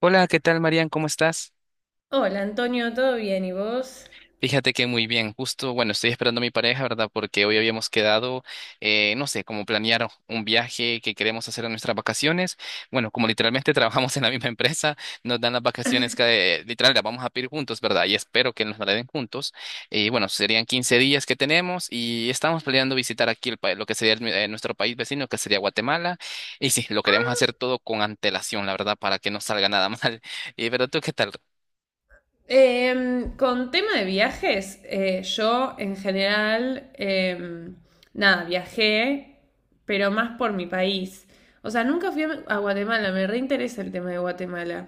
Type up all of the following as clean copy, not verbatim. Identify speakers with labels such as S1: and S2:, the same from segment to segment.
S1: Hola, ¿qué tal, Marian? ¿Cómo estás?
S2: Hola Antonio, ¿todo bien? ¿Y vos?
S1: Fíjate que muy bien, justo, bueno, estoy esperando a mi pareja, ¿verdad? Porque hoy habíamos quedado, no sé, como planear un viaje que queremos hacer en nuestras vacaciones. Bueno, como literalmente trabajamos en la misma empresa, nos dan las vacaciones que literal las vamos a pedir juntos, ¿verdad? Y espero que nos la den juntos. Y bueno, serían 15 días que tenemos y estamos planeando visitar aquí lo que sería nuestro país vecino, que sería Guatemala. Y sí, lo queremos hacer todo con antelación, la verdad, para que no salga nada mal. Y, pero tú, ¿qué tal?
S2: Con tema de viajes, yo en general, nada, viajé, pero más por mi país. O sea, nunca fui a Guatemala, me reinteresa el tema de Guatemala.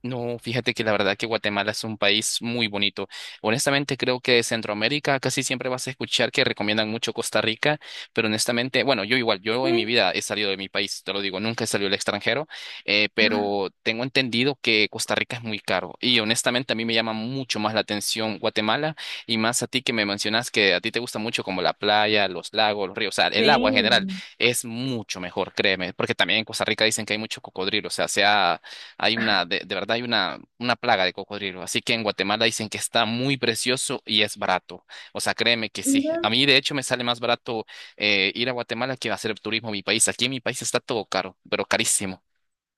S1: No, fíjate que la verdad que Guatemala es un país muy bonito. Honestamente, creo que de Centroamérica casi siempre vas a escuchar que recomiendan mucho Costa Rica, pero honestamente, bueno, yo igual, yo en mi
S2: Sí.
S1: vida he salido de mi país, te lo digo, nunca he salido al extranjero, pero tengo entendido que Costa Rica es muy caro y honestamente a mí me llama mucho más la atención Guatemala y más a ti que me mencionas que a ti te gusta mucho como la playa, los lagos, los ríos, o sea, el agua en general
S2: Sí.
S1: es mucho mejor, créeme, porque también en Costa Rica dicen que hay mucho cocodrilo, o sea, de verdad hay una plaga de cocodrilo. Así que en Guatemala dicen que está muy precioso y es barato. O sea, créeme que sí.
S2: Mira.
S1: A mí, de hecho, me sale más barato ir a Guatemala que hacer turismo a mi país. Aquí en mi país está todo caro, pero carísimo.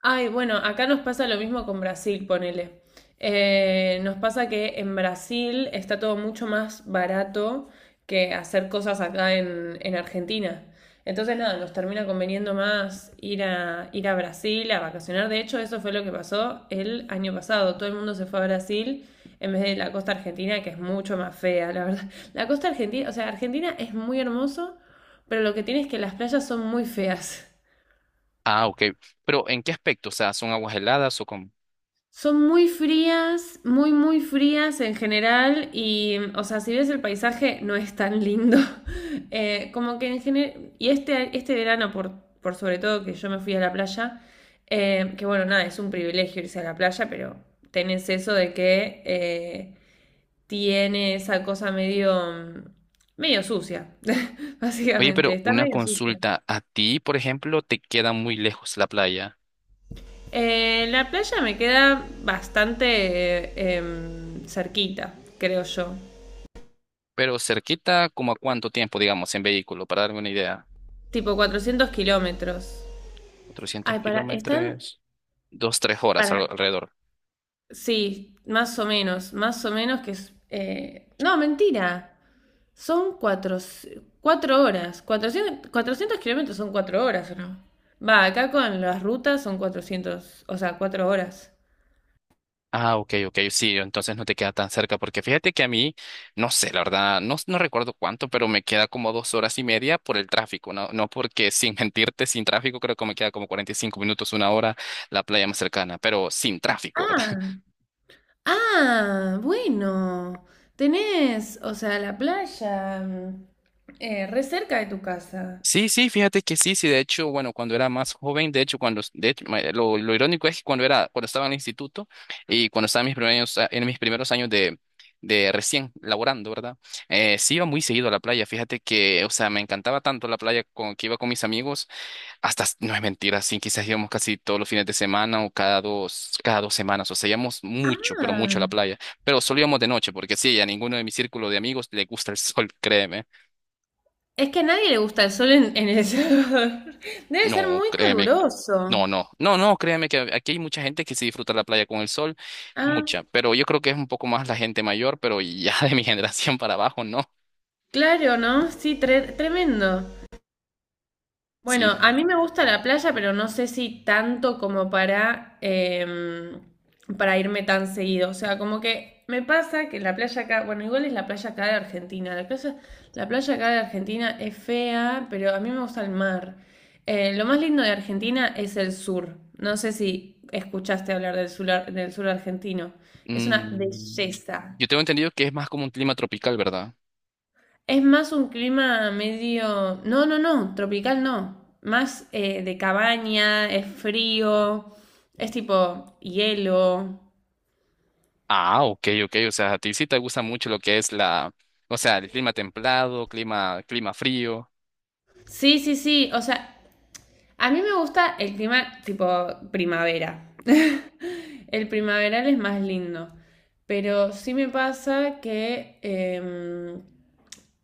S2: Ay, bueno, acá nos pasa lo mismo con Brasil, ponele. Nos pasa que en Brasil está todo mucho más barato que hacer cosas acá en Argentina. Entonces, nada, nos termina conveniendo más ir a Brasil a vacacionar. De hecho, eso fue lo que pasó el año pasado. Todo el mundo se fue a Brasil en vez de la costa argentina, que es mucho más fea, la verdad. La costa argentina, o sea, Argentina es muy hermoso, pero lo que tiene es que las playas son muy feas.
S1: Ah, ok. Pero ¿en qué aspecto? O sea, ¿son aguas heladas o cómo?
S2: Son muy frías, muy, muy frías en general y, o sea, si ves el paisaje no es tan lindo. Como que en general, y este verano, por sobre todo que yo me fui a la playa, que bueno, nada, es un privilegio irse a la playa, pero tenés eso de que tiene esa cosa medio, medio sucia,
S1: Oye,
S2: básicamente,
S1: pero
S2: está
S1: una
S2: medio sucia.
S1: consulta. A ti, por ejemplo, te queda muy lejos la playa,
S2: La playa me queda bastante cerquita, creo yo.
S1: pero cerquita, ¿como a cuánto tiempo, digamos, en vehículo? Para darme una idea.
S2: Tipo 400 kilómetros. Ay,
S1: 400 kilómetros, 2, 3 horas algo
S2: para,
S1: alrededor.
S2: sí, más o menos que es, no, mentira, son 4 horas, 400 400 kilómetros son 4 horas, ¿o no? Va, acá con las rutas son 400, o sea, 4 horas.
S1: Ah, ok, ok, sí, entonces no te queda tan cerca, porque fíjate que a mí, no sé, la verdad, no, no recuerdo cuánto, pero me queda como 2 horas y media por el tráfico, no, no porque sin mentirte, sin tráfico creo que me queda como 45 minutos, una hora la playa más cercana, pero sin tráfico, ¿verdad?
S2: Ah, ah, bueno, tenés, o sea, la playa, mm, re cerca de tu casa.
S1: Sí, sí, fíjate que sí, sí, de hecho, bueno, cuando era más joven, de hecho, cuando, de hecho, ma- lo irónico es que cuando estaba en el instituto y cuando estaba en en mis primeros años de recién laborando, ¿verdad? Sí iba muy seguido a la playa, fíjate que, o sea, me encantaba tanto la playa que iba con mis amigos, hasta, no es mentira, sí, quizás íbamos casi todos los fines de semana o cada dos semanas, o sea, íbamos mucho, pero mucho a
S2: Ah.
S1: la playa, pero solo íbamos de noche, porque sí, a ninguno de mi círculo de amigos le gusta el sol, créeme.
S2: Es que a nadie le gusta el sol en El Salvador. Debe ser
S1: No,
S2: muy
S1: créeme. No,
S2: caluroso.
S1: no, no, no, créeme que aquí hay mucha gente que sí disfruta la playa con el sol,
S2: Ah,
S1: mucha, pero yo creo que es un poco más la gente mayor, pero ya de mi generación para abajo, no.
S2: claro, ¿no? Sí, tremendo. Bueno,
S1: Sí.
S2: a mí me gusta la playa, pero no sé si tanto como para irme tan seguido. O sea, como que me pasa que la playa acá, bueno, igual es la playa acá de Argentina. La playa acá de Argentina es fea, pero a mí me gusta el mar. Lo más lindo de Argentina es el sur. No sé si escuchaste hablar del sur, del sur argentino. Es una
S1: mm, yo
S2: belleza.
S1: tengo entendido que es más como un clima tropical, ¿verdad?
S2: Es más un clima medio... No, no, no, tropical no. Más de cabaña, es frío, es tipo hielo.
S1: Ah, ok, ok, o sea, a ti sí te gusta mucho lo que es la, o sea, el clima templado, clima frío.
S2: Sí, sí, sí. O sea, a mí me gusta el clima tipo primavera. El primaveral es más lindo. Pero sí me pasa que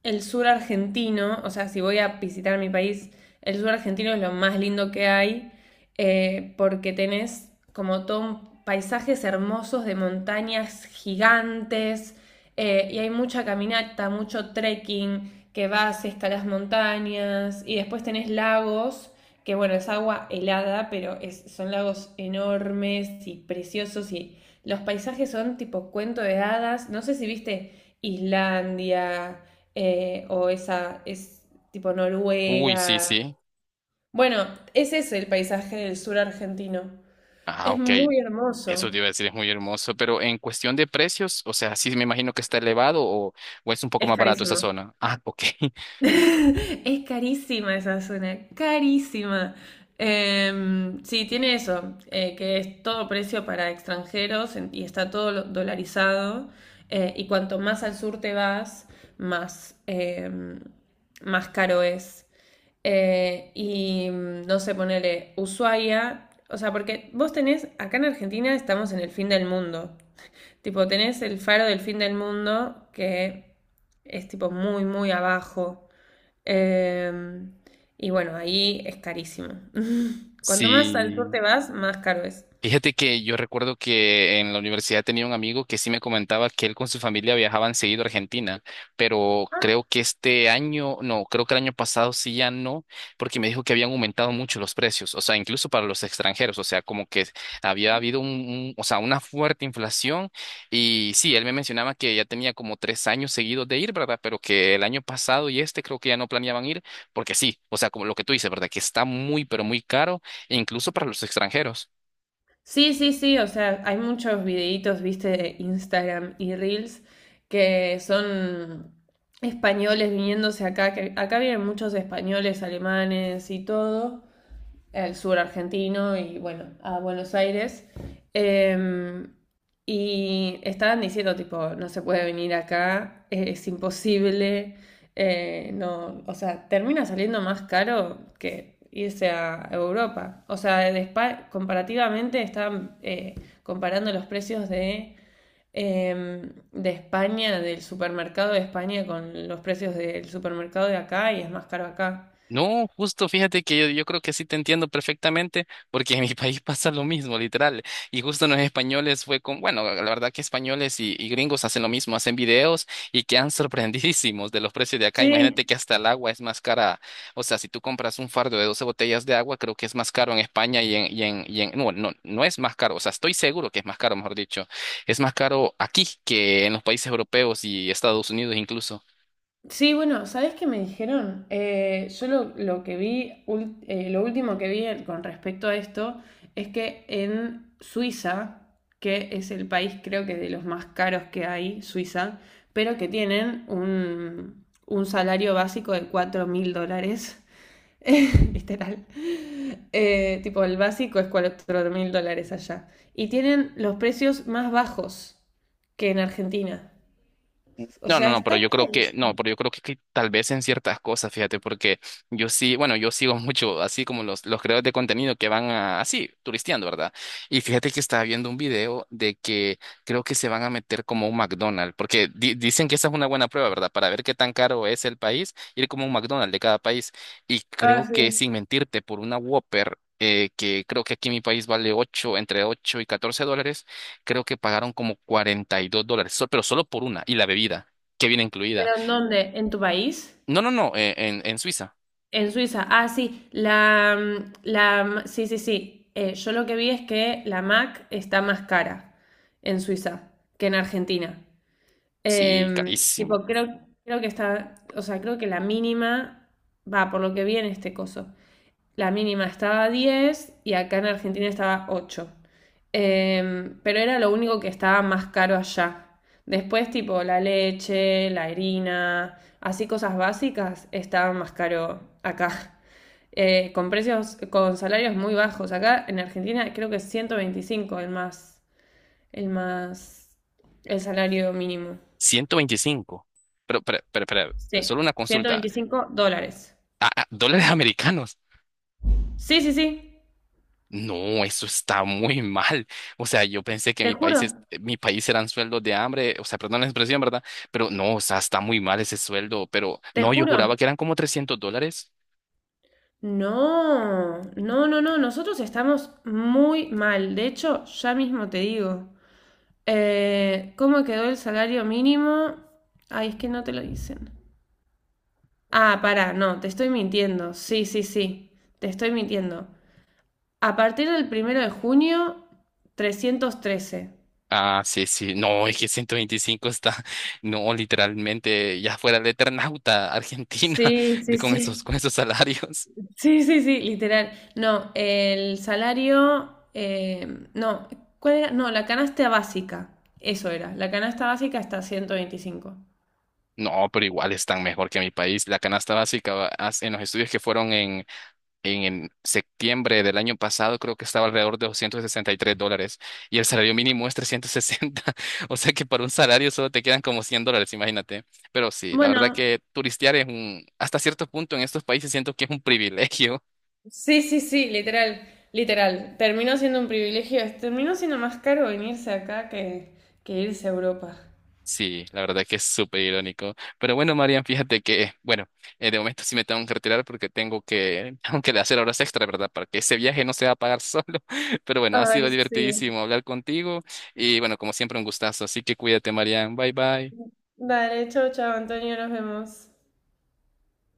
S2: el sur argentino, o sea, si voy a visitar mi país, el sur argentino es lo más lindo que hay, porque tenés como todo paisajes hermosos de montañas gigantes, y hay mucha caminata, mucho trekking, que vas, escalas montañas, y después tenés lagos, que bueno, es agua helada, pero son lagos enormes y preciosos, y los paisajes son tipo cuento de hadas, no sé si viste Islandia, o esa es tipo
S1: Uy, sí,
S2: Noruega.
S1: sí.
S2: Bueno, ese es el paisaje del sur argentino.
S1: Ah,
S2: Es
S1: ok,
S2: muy
S1: eso te
S2: hermoso.
S1: iba a decir, es muy hermoso, pero en cuestión de precios, o sea, sí me imagino que está elevado o es un poco
S2: Es
S1: más barato esa
S2: carísimo.
S1: zona. Ah, ok.
S2: Es carísima esa zona, carísima. Sí, tiene eso, que es todo precio para extranjeros y está todo dolarizado. Y cuanto más al sur te vas, más, más caro es. Y no sé, ponele Ushuaia. O sea, porque vos tenés, acá en Argentina estamos en el fin del mundo. Tipo, tenés el faro del fin del mundo que es tipo muy, muy abajo. Em, y bueno, ahí es carísimo. Cuanto más al sur
S1: Sí.
S2: te vas, más caro es.
S1: Fíjate que yo recuerdo que en la universidad tenía un amigo que sí me comentaba que él con su familia viajaban seguido a Argentina, pero
S2: Ah,
S1: creo que este año, no, creo que el año pasado sí ya no, porque me dijo que habían aumentado mucho los precios, o sea, incluso para los extranjeros, o sea, como que había habido o sea, una fuerte inflación y sí, él me mencionaba que ya tenía como 3 años seguidos de ir, ¿verdad? Pero que el año pasado y este creo que ya no planeaban ir, porque sí, o sea, como lo que tú dices, ¿verdad? Que está muy, pero muy caro, incluso para los extranjeros.
S2: sí, sí, sí, o sea, hay muchos videitos, viste, de Instagram y Reels que son españoles viniéndose acá, que acá vienen muchos españoles, alemanes y todo, al sur argentino y bueno, a Buenos Aires. Em, y estaban diciendo, tipo, no se puede venir acá, es imposible, no, o sea, termina saliendo más caro que irse a Europa. O sea, de España comparativamente estaban comparando los precios de España, del supermercado de España con los precios del supermercado de acá y es más caro acá.
S1: No, justo fíjate que yo creo que sí te entiendo perfectamente, porque en mi país pasa lo mismo, literal. Y justo los españoles fue bueno, la verdad que españoles y gringos hacen lo mismo, hacen videos y quedan sorprendidísimos de los precios de acá.
S2: Sí.
S1: Imagínate que hasta el agua es más cara. O sea, si tú compras un fardo de 12 botellas de agua, creo que es más caro en España no, no, no es más caro. O sea, estoy seguro que es más caro, mejor dicho. Es más caro aquí que en los países europeos y Estados Unidos incluso.
S2: Sí, bueno, ¿sabes qué me dijeron? Yo lo que vi, lo último que vi con respecto a esto es que en Suiza, que es el país creo que de los más caros que hay, Suiza, pero que tienen un salario básico de $4.000, literal. Tipo, el básico es $4.000 allá. Y tienen los precios más bajos que en Argentina. O
S1: No, no,
S2: sea,
S1: no,
S2: está
S1: pero yo creo que, no,
S2: clarísimo.
S1: pero yo creo que, tal vez en ciertas cosas, fíjate, porque yo sí, bueno, yo sigo mucho así como los creadores de contenido que van así, turisteando, ¿verdad? Y fíjate que estaba viendo un video de que creo que se van a meter como un McDonald's, porque dicen que esa es una buena prueba, ¿verdad? Para ver qué tan caro es el país, ir como un McDonald's de cada país. Y
S2: Ah,
S1: creo que,
S2: sí.
S1: sin mentirte, por una Whopper, que creo que aquí en mi país vale 8 entre $8 y $14 creo que pagaron como $42, pero solo por una, y la bebida, que viene incluida.
S2: ¿Pero en dónde? ¿En tu país?
S1: No, no, no, en Suiza.
S2: En Suiza. Ah, sí, sí, sí, sí. Yo lo que vi es que la Mac está más cara en Suiza que en Argentina.
S1: Sí, carísimo.
S2: Tipo, creo que está, o sea, creo que la mínima va por lo que vi en este coso, la mínima estaba a 10 y acá en Argentina estaba ocho. Pero era lo único que estaba más caro allá. Después, tipo, la leche, la harina, así cosas básicas, estaban más caro acá. Con precios, con salarios muy bajos. Acá en Argentina creo que es 125 el más, el salario mínimo.
S1: 125. Pero,
S2: Sí,
S1: solo una
S2: ciento
S1: consulta.
S2: veinticinco dólares.
S1: Ah, ah, ¿dólares americanos?
S2: Sí, sí, sí,
S1: No, eso está muy mal. O sea, yo pensé que
S2: te
S1: mi país es,
S2: juro,
S1: mi país eran sueldos de hambre, o sea, perdón la expresión, ¿verdad? Pero no, o sea, está muy mal ese sueldo, pero
S2: te
S1: no, yo juraba
S2: juro.
S1: que eran como $300.
S2: No, no, no, no, nosotros estamos muy mal. De hecho, ya mismo te digo. ¿Cómo quedó el salario mínimo? Ay, es que no te lo dicen. Ah, pará, no, te estoy mintiendo. Sí, sí, sí, te estoy mintiendo. A partir del primero de junio, 313.
S1: Ah, sí, sí. No, es que 125 está, no, literalmente ya fuera el Eternauta, Argentina,
S2: Sí,
S1: de,
S2: sí,
S1: con esos,
S2: sí.
S1: con esos salarios.
S2: Sí, sí, sí, literal. No, el salario, no, ¿cuál era? No, la canasta básica, eso era, la canasta básica hasta 125.
S1: No, pero igual están mejor que mi país. La canasta básica en los estudios que fueron en septiembre del año pasado, creo que estaba alrededor de $263 y el salario mínimo es 360. O sea que para un salario solo te quedan como $100, imagínate. Pero sí, la verdad
S2: Bueno,
S1: que turistear es hasta cierto punto en estos países siento que es un privilegio.
S2: sí, sí, sí, literal, literal. Terminó siendo un privilegio, terminó siendo más caro venirse acá que irse a Europa.
S1: Sí, la verdad que es súper irónico. Pero bueno, Marian, fíjate que, bueno, de momento sí me tengo que retirar porque tengo que, tengo que hacer horas extra, ¿verdad? Para que ese viaje no se va a pagar solo. Pero bueno, ha
S2: Ay,
S1: sido
S2: sí.
S1: divertidísimo hablar contigo y bueno, como siempre, un gustazo. Así que cuídate, Marian. Bye, bye.
S2: Dale, chau, chau, Antonio, nos vemos.